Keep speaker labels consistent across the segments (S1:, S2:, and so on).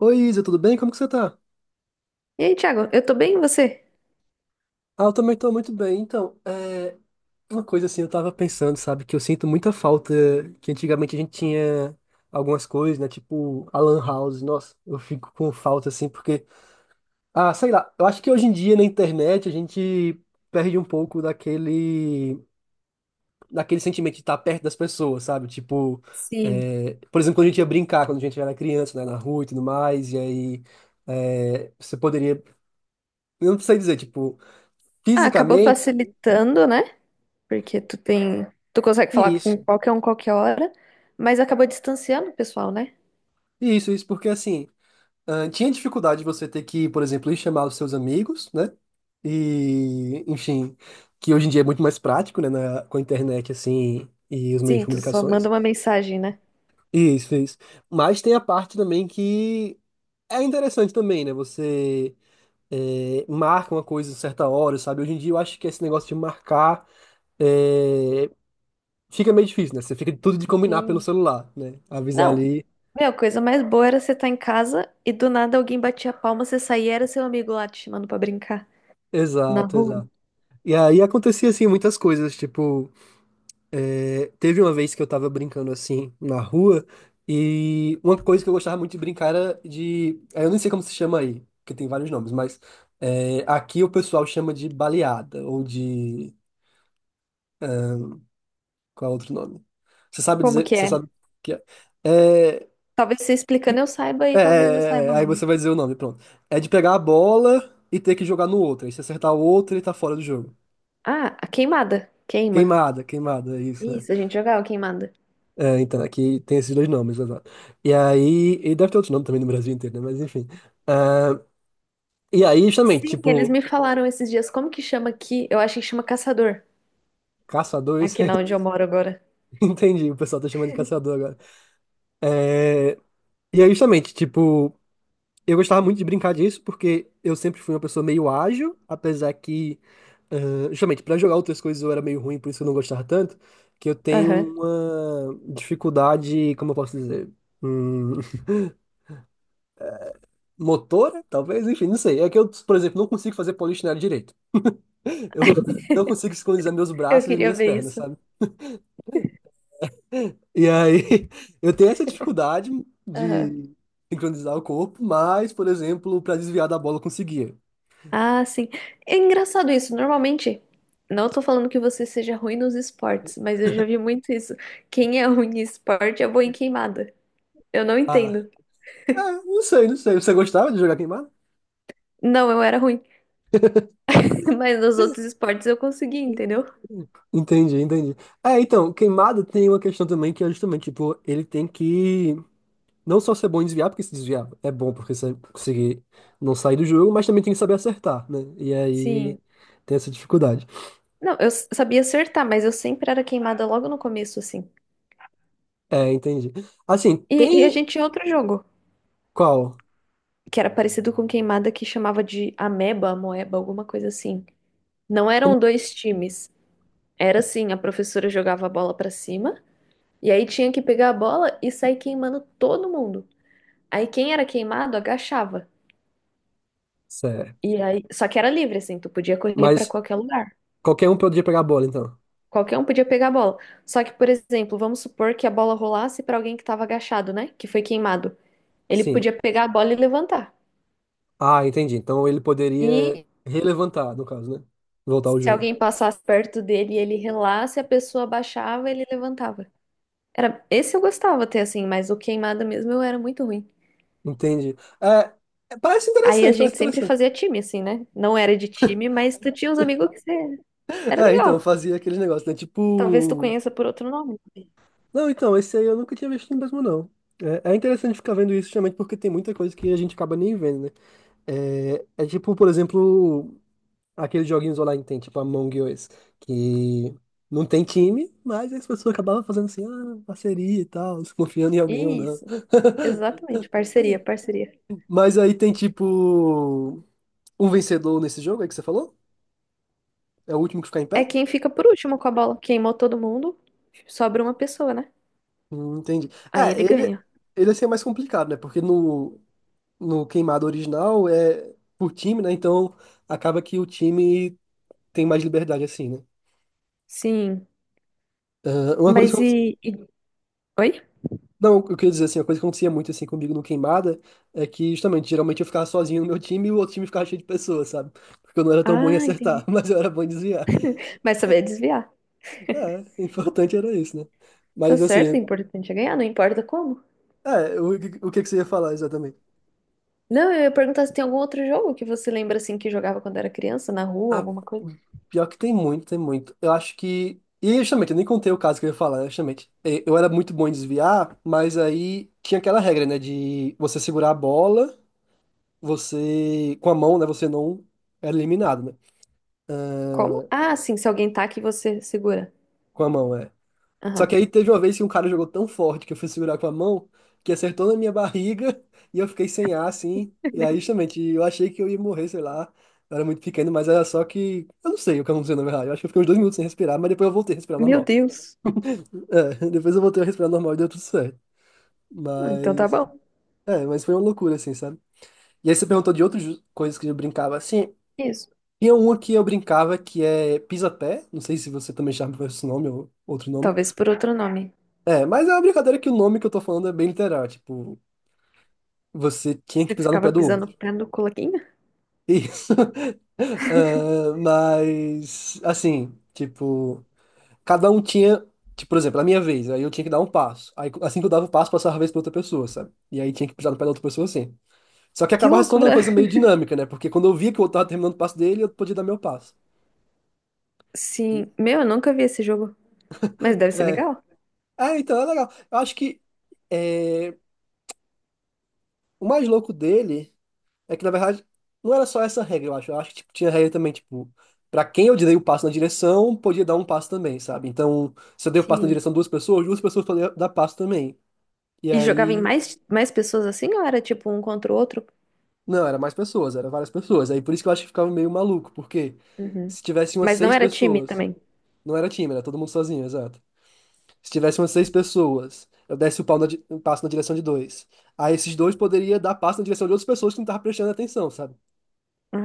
S1: Oi, Isa, tudo bem? Como que você tá?
S2: E aí, Thiago, eu tô bem, e você?
S1: Ah, eu também tô muito bem. Então, uma coisa assim, eu tava pensando, sabe, que eu sinto muita falta que antigamente a gente tinha algumas coisas, né? Tipo, a Lan House. Nossa, eu fico com falta assim, porque, ah, sei lá, eu acho que hoje em dia na internet a gente perde um pouco daquele, daquele sentimento de estar perto das pessoas, sabe? Tipo,
S2: Sim.
S1: por exemplo, quando a gente ia brincar, quando a gente era criança, né, na rua e tudo mais, e aí você poderia, eu não sei dizer, tipo,
S2: Ah, acabou
S1: fisicamente.
S2: facilitando, né? Porque tu tem, tu consegue falar com
S1: Isso,
S2: qualquer um qualquer hora, mas acabou distanciando o pessoal, né?
S1: isso, isso, porque assim, ah, tinha dificuldade de você ter que, por exemplo, ir chamar os seus amigos, né? E, enfim, que hoje em dia é muito mais prático, né, com a internet, assim, e os meios de
S2: Sim, tu só manda
S1: comunicações.
S2: uma mensagem, né?
S1: Isso, isso. Mas tem a parte também que é interessante também, né? Você marca uma coisa a certa hora, sabe? Hoje em dia eu acho que esse negócio de marcar eh, fica meio difícil, né? Você fica tudo de combinar pelo
S2: Sim.
S1: celular, né? Avisar
S2: Não,
S1: ali.
S2: meu, a coisa mais boa era você estar em casa e do nada alguém batia a palma, você saía e era seu amigo lá te chamando pra brincar na
S1: Exato,
S2: rua.
S1: exato. E aí acontecia, assim, muitas coisas, tipo, teve uma vez que eu tava brincando, assim, na rua, e uma coisa que eu gostava muito de brincar era de, aí eu nem sei como se chama aí, porque tem vários nomes, mas aqui o pessoal chama de baleada, ou de, qual é o outro nome? Você sabe
S2: Como
S1: dizer,
S2: que
S1: você
S2: é?
S1: sabe o que é? É,
S2: Talvez você
S1: que-
S2: explicando eu saiba e talvez eu saiba o
S1: aí você
S2: nome.
S1: vai dizer o nome, pronto. É de pegar a bola e ter que jogar no outro, aí se acertar o outro, ele tá fora do jogo.
S2: Ah, a queimada. Queima.
S1: Queimada, é isso, né?
S2: Isso, a gente jogava queimada.
S1: É, então, aqui tem esses dois nomes, exato. E aí, e deve ter outros nomes também no Brasil inteiro, né? Mas enfim. Ah, e aí, justamente,
S2: Sim, eles
S1: tipo,
S2: me falaram esses dias como que chama aqui. Eu acho que chama caçador,
S1: caçador, isso
S2: aqui
S1: aí
S2: na onde eu moro agora.
S1: eu entendi, o pessoal tá chamando de caçador agora. É, e aí, justamente, tipo, eu gostava muito de brincar disso, porque eu sempre fui uma pessoa meio ágil, apesar que, ah, justamente, pra jogar outras coisas eu era meio ruim, por isso eu não gostava tanto, que eu tenho
S2: Aham.
S1: uma dificuldade, como eu posso dizer? Hum, motora, talvez, enfim, não sei. É que eu, por exemplo, não consigo fazer polichinelo direito. Eu não consigo sincronizar meus
S2: Eu
S1: braços e
S2: queria
S1: minhas
S2: ver
S1: pernas,
S2: isso.
S1: sabe? E aí, eu tenho essa dificuldade
S2: Aham.
S1: de sincronizar o corpo, mas, por exemplo, pra desviar da bola eu conseguia.
S2: Ah, sim. É engraçado isso. Normalmente, não tô falando que você seja ruim nos esportes, mas eu já vi muito isso. Quem é ruim em esporte é bom em queimada. Eu não
S1: Ah,
S2: entendo.
S1: é, não sei, não sei. Você gostava de jogar queimada?
S2: Não, eu era ruim, mas nos outros esportes eu consegui, entendeu?
S1: Entendi, entendi. É, então, queimada tem uma questão também que é justamente, tipo, ele tem que não só ser bom em desviar, porque se desviar é bom porque você conseguir não sair do jogo, mas também tem que saber acertar, né? E aí
S2: Sim.
S1: tem essa dificuldade.
S2: Não, eu sabia acertar, mas eu sempre era queimada logo no começo, assim.
S1: É, entendi. Assim,
S2: E a
S1: tem
S2: gente tinha outro jogo
S1: qual?
S2: que era parecido com queimada, que chamava de ameba, moeba, alguma coisa assim. Não eram dois times. Era assim, a professora jogava a bola pra cima e aí tinha que pegar a bola e sair queimando todo mundo. Aí quem era queimado agachava.
S1: Certo.
S2: E aí, só que era livre assim, tu podia correr pra
S1: Mas
S2: qualquer lugar.
S1: qualquer um poderia pegar a bola, então.
S2: Qualquer um podia pegar a bola. Só que, por exemplo, vamos supor que a bola rolasse pra alguém que tava agachado, né? Que foi queimado. Ele
S1: Sim.
S2: podia pegar a bola e levantar.
S1: Ah, entendi. Então ele poderia
S2: E
S1: relevantar, no caso, né? Voltar ao
S2: se
S1: jogo.
S2: alguém passasse perto dele e ele relasse, a pessoa baixava, ele levantava. Era, esse eu gostava até assim, mas o queimada mesmo eu era muito ruim.
S1: Entendi. É, é, parece
S2: Aí a
S1: interessante, parece
S2: gente sempre
S1: interessante.
S2: fazia time assim, né? Não era de time, mas tu tinha uns amigos que você era
S1: É, então,
S2: legal.
S1: fazia aqueles negócios, né?
S2: Talvez tu
S1: Tipo.
S2: conheça por outro nome.
S1: Não, então, esse aí eu nunca tinha visto mesmo, não. É, é interessante ficar vendo isso, justamente porque tem muita coisa que a gente acaba nem vendo, né? É, é tipo, por exemplo, aqueles joguinhos online que tem, tipo Among Us, que não tem time, mas as pessoas acabavam fazendo assim, ah, parceria e tal, se confiando em alguém ou não.
S2: Isso, exatamente, parceria, parceria.
S1: Mas aí tem tipo um vencedor nesse jogo aí que você falou? É o último que ficar em
S2: É
S1: pé?
S2: quem fica por último com a bola. Queimou todo mundo, sobra uma pessoa, né?
S1: Entendi.
S2: Aí
S1: É,
S2: ele
S1: ele,
S2: ganha.
S1: ele assim é mais complicado, né? Porque no queimado original é por time, né? Então acaba que o time tem mais liberdade assim, né?
S2: Sim,
S1: Ah, uma coisa
S2: mas e... Oi?
S1: Não, eu queria dizer assim, a coisa que acontecia muito assim comigo no Queimada é que justamente, geralmente eu ficava sozinho no meu time e o outro time ficava cheio de pessoas, sabe? Porque eu não era tão bom em
S2: Ah,
S1: acertar,
S2: entendi.
S1: mas eu era bom em desviar.
S2: Vai saber desviar.
S1: É, o importante era isso, né?
S2: Tá
S1: Mas assim,
S2: certo, o importante é ganhar, não importa como.
S1: é, o que que você ia falar exatamente?
S2: Não, eu ia perguntar se tem algum outro jogo que você lembra assim que jogava quando era criança, na rua,
S1: Ah,
S2: alguma coisa.
S1: pior que tem muito, tem muito. Eu acho que. E justamente, eu nem contei o caso que eu ia falar, né, justamente. É, eu era muito bom em desviar, mas aí tinha aquela regra, né? De você segurar a bola, você. Com a mão, né? Você não era eliminado, né?
S2: Como? Ah, sim, se alguém tá aqui, você segura.
S1: Com a mão, é. Só que
S2: Aham.
S1: aí teve uma vez que um cara jogou tão forte que eu fui segurar com a mão, que acertou na minha barriga e eu fiquei sem ar, assim. E aí, justamente, eu achei que eu ia morrer, sei lá. Eu era muito pequeno, mas era só que. Eu não sei o que aconteceu, na verdade. Eu acho que eu fiquei uns 2 minutos sem respirar, mas depois eu voltei a respirar
S2: Meu
S1: normal.
S2: Deus.
S1: É, depois eu voltei a respirar normal e deu tudo certo.
S2: Ah, então tá
S1: Mas.
S2: bom.
S1: É, mas foi uma loucura, assim, sabe? E aí você perguntou de outras coisas que eu brincava, assim.
S2: Isso.
S1: Tinha uma que eu brincava que é pisa-pé. Não sei se você também chama por esse nome ou outro nome.
S2: Talvez por outro nome.
S1: É, mas é uma brincadeira que o nome que eu tô falando é bem literal, tipo, você tinha que
S2: Você
S1: pisar no
S2: ficava
S1: pé do outro.
S2: pisando o pé no colaquinho?
S1: Isso. Ah, mas, assim, tipo, cada um tinha, tipo, por exemplo, na minha vez, aí eu tinha que dar um passo. Aí, assim que eu dava o passo, passava a vez pra outra pessoa, sabe? E aí tinha que pisar no pé da outra pessoa, assim. Só que
S2: Que
S1: acabava se tornando uma
S2: loucura.
S1: coisa meio dinâmica, né? Porque quando eu via que o outro tava terminando o passo dele, eu podia dar meu passo. E,
S2: Sim. Meu, eu nunca vi esse jogo. Mas deve ser
S1: é.
S2: legal.
S1: É, então é legal. Eu acho que é, o mais louco dele. É que, na verdade, não era só essa regra, eu acho. Eu acho que tipo, tinha regra também, tipo, pra quem eu dei o passo na direção, podia dar um passo também, sabe? Então, se eu dei o passo na
S2: Sim.
S1: direção de duas pessoas podiam dar passo também. E
S2: E jogava em
S1: aí.
S2: mais, mais pessoas assim ou era tipo um contra o outro?
S1: Não, era mais pessoas, era várias pessoas. Aí por isso que eu acho que ficava meio maluco, porque
S2: Uhum.
S1: se tivesse umas
S2: Mas não
S1: seis
S2: era time
S1: pessoas,
S2: também.
S1: não era time, era todo mundo sozinho, exato. Se tivesse umas seis pessoas, eu desse o pau na um passo na direção de dois. Aí esses dois poderia dar passo na direção de outras pessoas que não estavam prestando atenção, sabe?
S2: Ah.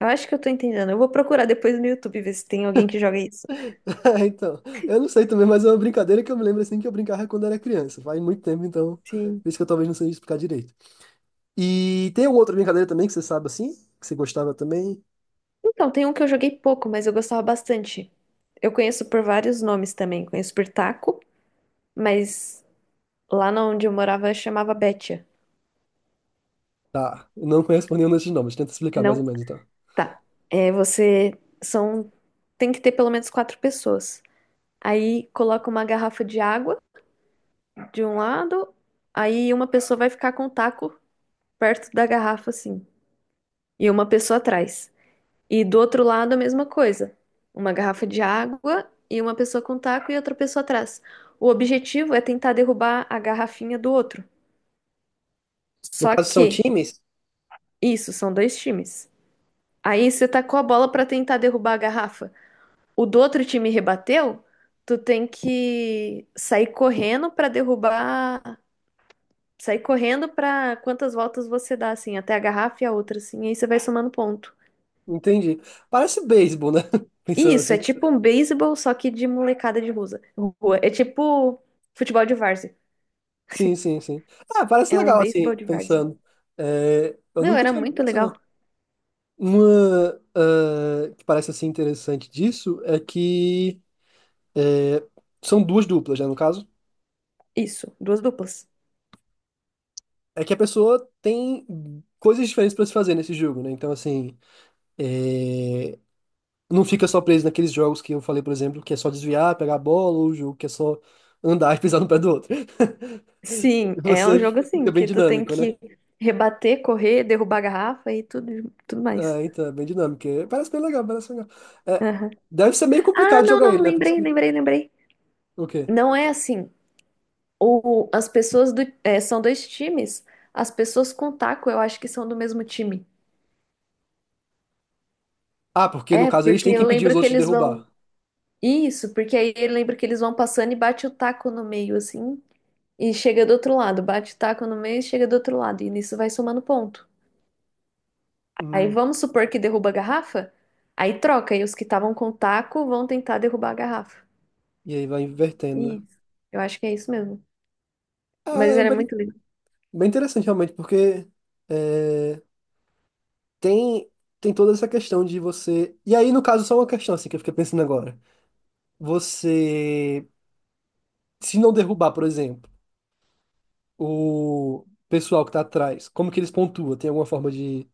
S2: Eu acho que eu tô entendendo. Eu vou procurar depois no YouTube ver se tem alguém que joga isso.
S1: então, eu não sei também, mas é uma brincadeira que eu me lembro assim que eu brincava quando era criança. Faz muito tempo, então,
S2: Sim.
S1: por isso que eu talvez não sei explicar direito. E tem alguma outra brincadeira também que você sabe assim? Que você gostava também?
S2: Então, tem um que eu joguei pouco, mas eu gostava bastante. Eu conheço por vários nomes também. Conheço por taco, mas lá na onde eu morava chamava Betia.
S1: Tá, eu não conheço por nenhum desses nomes, tenta explicar mais
S2: Não,
S1: ou menos então.
S2: tá. É, você são Tem que ter pelo menos quatro pessoas. Aí coloca uma garrafa de água de um lado, aí uma pessoa vai ficar com o taco perto da garrafa assim, e uma pessoa atrás. E do outro lado, a mesma coisa. Uma garrafa de água e uma pessoa com taco e outra pessoa atrás. O objetivo é tentar derrubar a garrafinha do outro.
S1: No
S2: Só
S1: caso, são
S2: que,
S1: times?
S2: isso, são dois times. Aí você tacou a bola pra tentar derrubar a garrafa. O do outro time rebateu, tu tem que sair correndo pra derrubar. Sair correndo pra quantas voltas você dá, assim, até a garrafa e a outra, assim. E aí você vai somando ponto.
S1: Entendi. Parece beisebol, né? Pensando
S2: Isso, é
S1: assim.
S2: tipo um beisebol, só que de molecada de rua. É tipo futebol de várzea.
S1: Sim, sim, sim. Ah, parece
S2: É um
S1: legal assim,
S2: beisebol de várzea.
S1: pensando. É, eu
S2: Meu,
S1: nunca
S2: era
S1: tinha visto
S2: muito
S1: essa,
S2: legal.
S1: não. Uma, ah, que parece assim interessante disso é que. É, são duas duplas, né, no caso?
S2: Isso, duas duplas.
S1: É que a pessoa tem coisas diferentes para se fazer nesse jogo, né? Então, assim, é, não fica só preso naqueles jogos que eu falei, por exemplo, que é só desviar, pegar a bola, ou o jogo que é só andar e pisar no pé do outro.
S2: Sim, é um
S1: Você
S2: jogo
S1: fica
S2: assim,
S1: bem
S2: que tu tem
S1: dinâmico, né?
S2: que rebater, correr, derrubar a garrafa e tudo, tudo mais.
S1: É, então, é bem dinâmico. É, parece bem legal, parece legal. É,
S2: Aham.
S1: deve ser meio
S2: Ah,
S1: complicado
S2: não,
S1: jogar
S2: não,
S1: ele, né? Por isso
S2: lembrei,
S1: que.
S2: lembrei, lembrei.
S1: O quê?
S2: Não é assim. O, as pessoas do, é, são dois times. As pessoas com taco, eu acho que são do mesmo time.
S1: Ah, porque no
S2: É,
S1: caso eles
S2: porque
S1: têm que
S2: eu
S1: impedir os
S2: lembro que
S1: outros de
S2: eles vão.
S1: derrubar.
S2: Isso, porque aí ele lembra que eles vão passando e bate o taco no meio, assim, e chega do outro lado, bate o taco no meio e chega do outro lado, e nisso vai somando ponto. Aí
S1: Hum,
S2: vamos supor que derruba a garrafa, aí troca, e os que estavam com o taco vão tentar derrubar a garrafa.
S1: e aí vai invertendo, né?
S2: Isso, eu acho que é isso mesmo.
S1: É,
S2: Mas
S1: é
S2: era
S1: bem
S2: muito legal.
S1: bem interessante realmente, porque. É, tem tem toda essa questão de você. E aí, no caso, só uma questão assim que eu fiquei pensando agora. Você, se não derrubar, por exemplo, o pessoal que tá atrás, como que eles pontuam? Tem alguma forma de.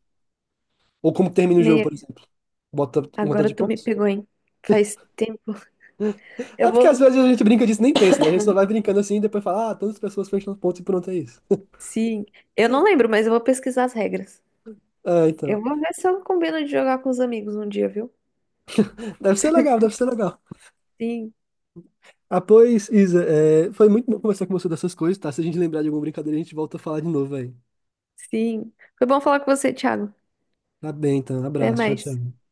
S1: Ou como termina o jogo,
S2: Meia,
S1: por exemplo? Bota um montão de
S2: agora tu me
S1: pontos?
S2: pegou, hein? Faz tempo. Eu
S1: É porque
S2: vou.
S1: às vezes a gente brinca disso e nem pensa, né? A gente só vai brincando assim e depois fala, ah, todas as pessoas fecham os pontos e pronto, é isso.
S2: Sim, eu não lembro, mas eu vou pesquisar as regras.
S1: Ah, então.
S2: Eu vou ver se eu combino de jogar com os amigos um dia, viu?
S1: Deve ser legal, deve ser legal.
S2: Sim,
S1: Ah, pois, Isa, é, foi muito bom conversar com você dessas coisas, tá? Se a gente lembrar de alguma brincadeira, a gente volta a falar de novo aí.
S2: sim. Foi bom falar com você, Thiago.
S1: Tá bem, então.
S2: Até
S1: Abraço. Tchau,
S2: mais.
S1: tchau.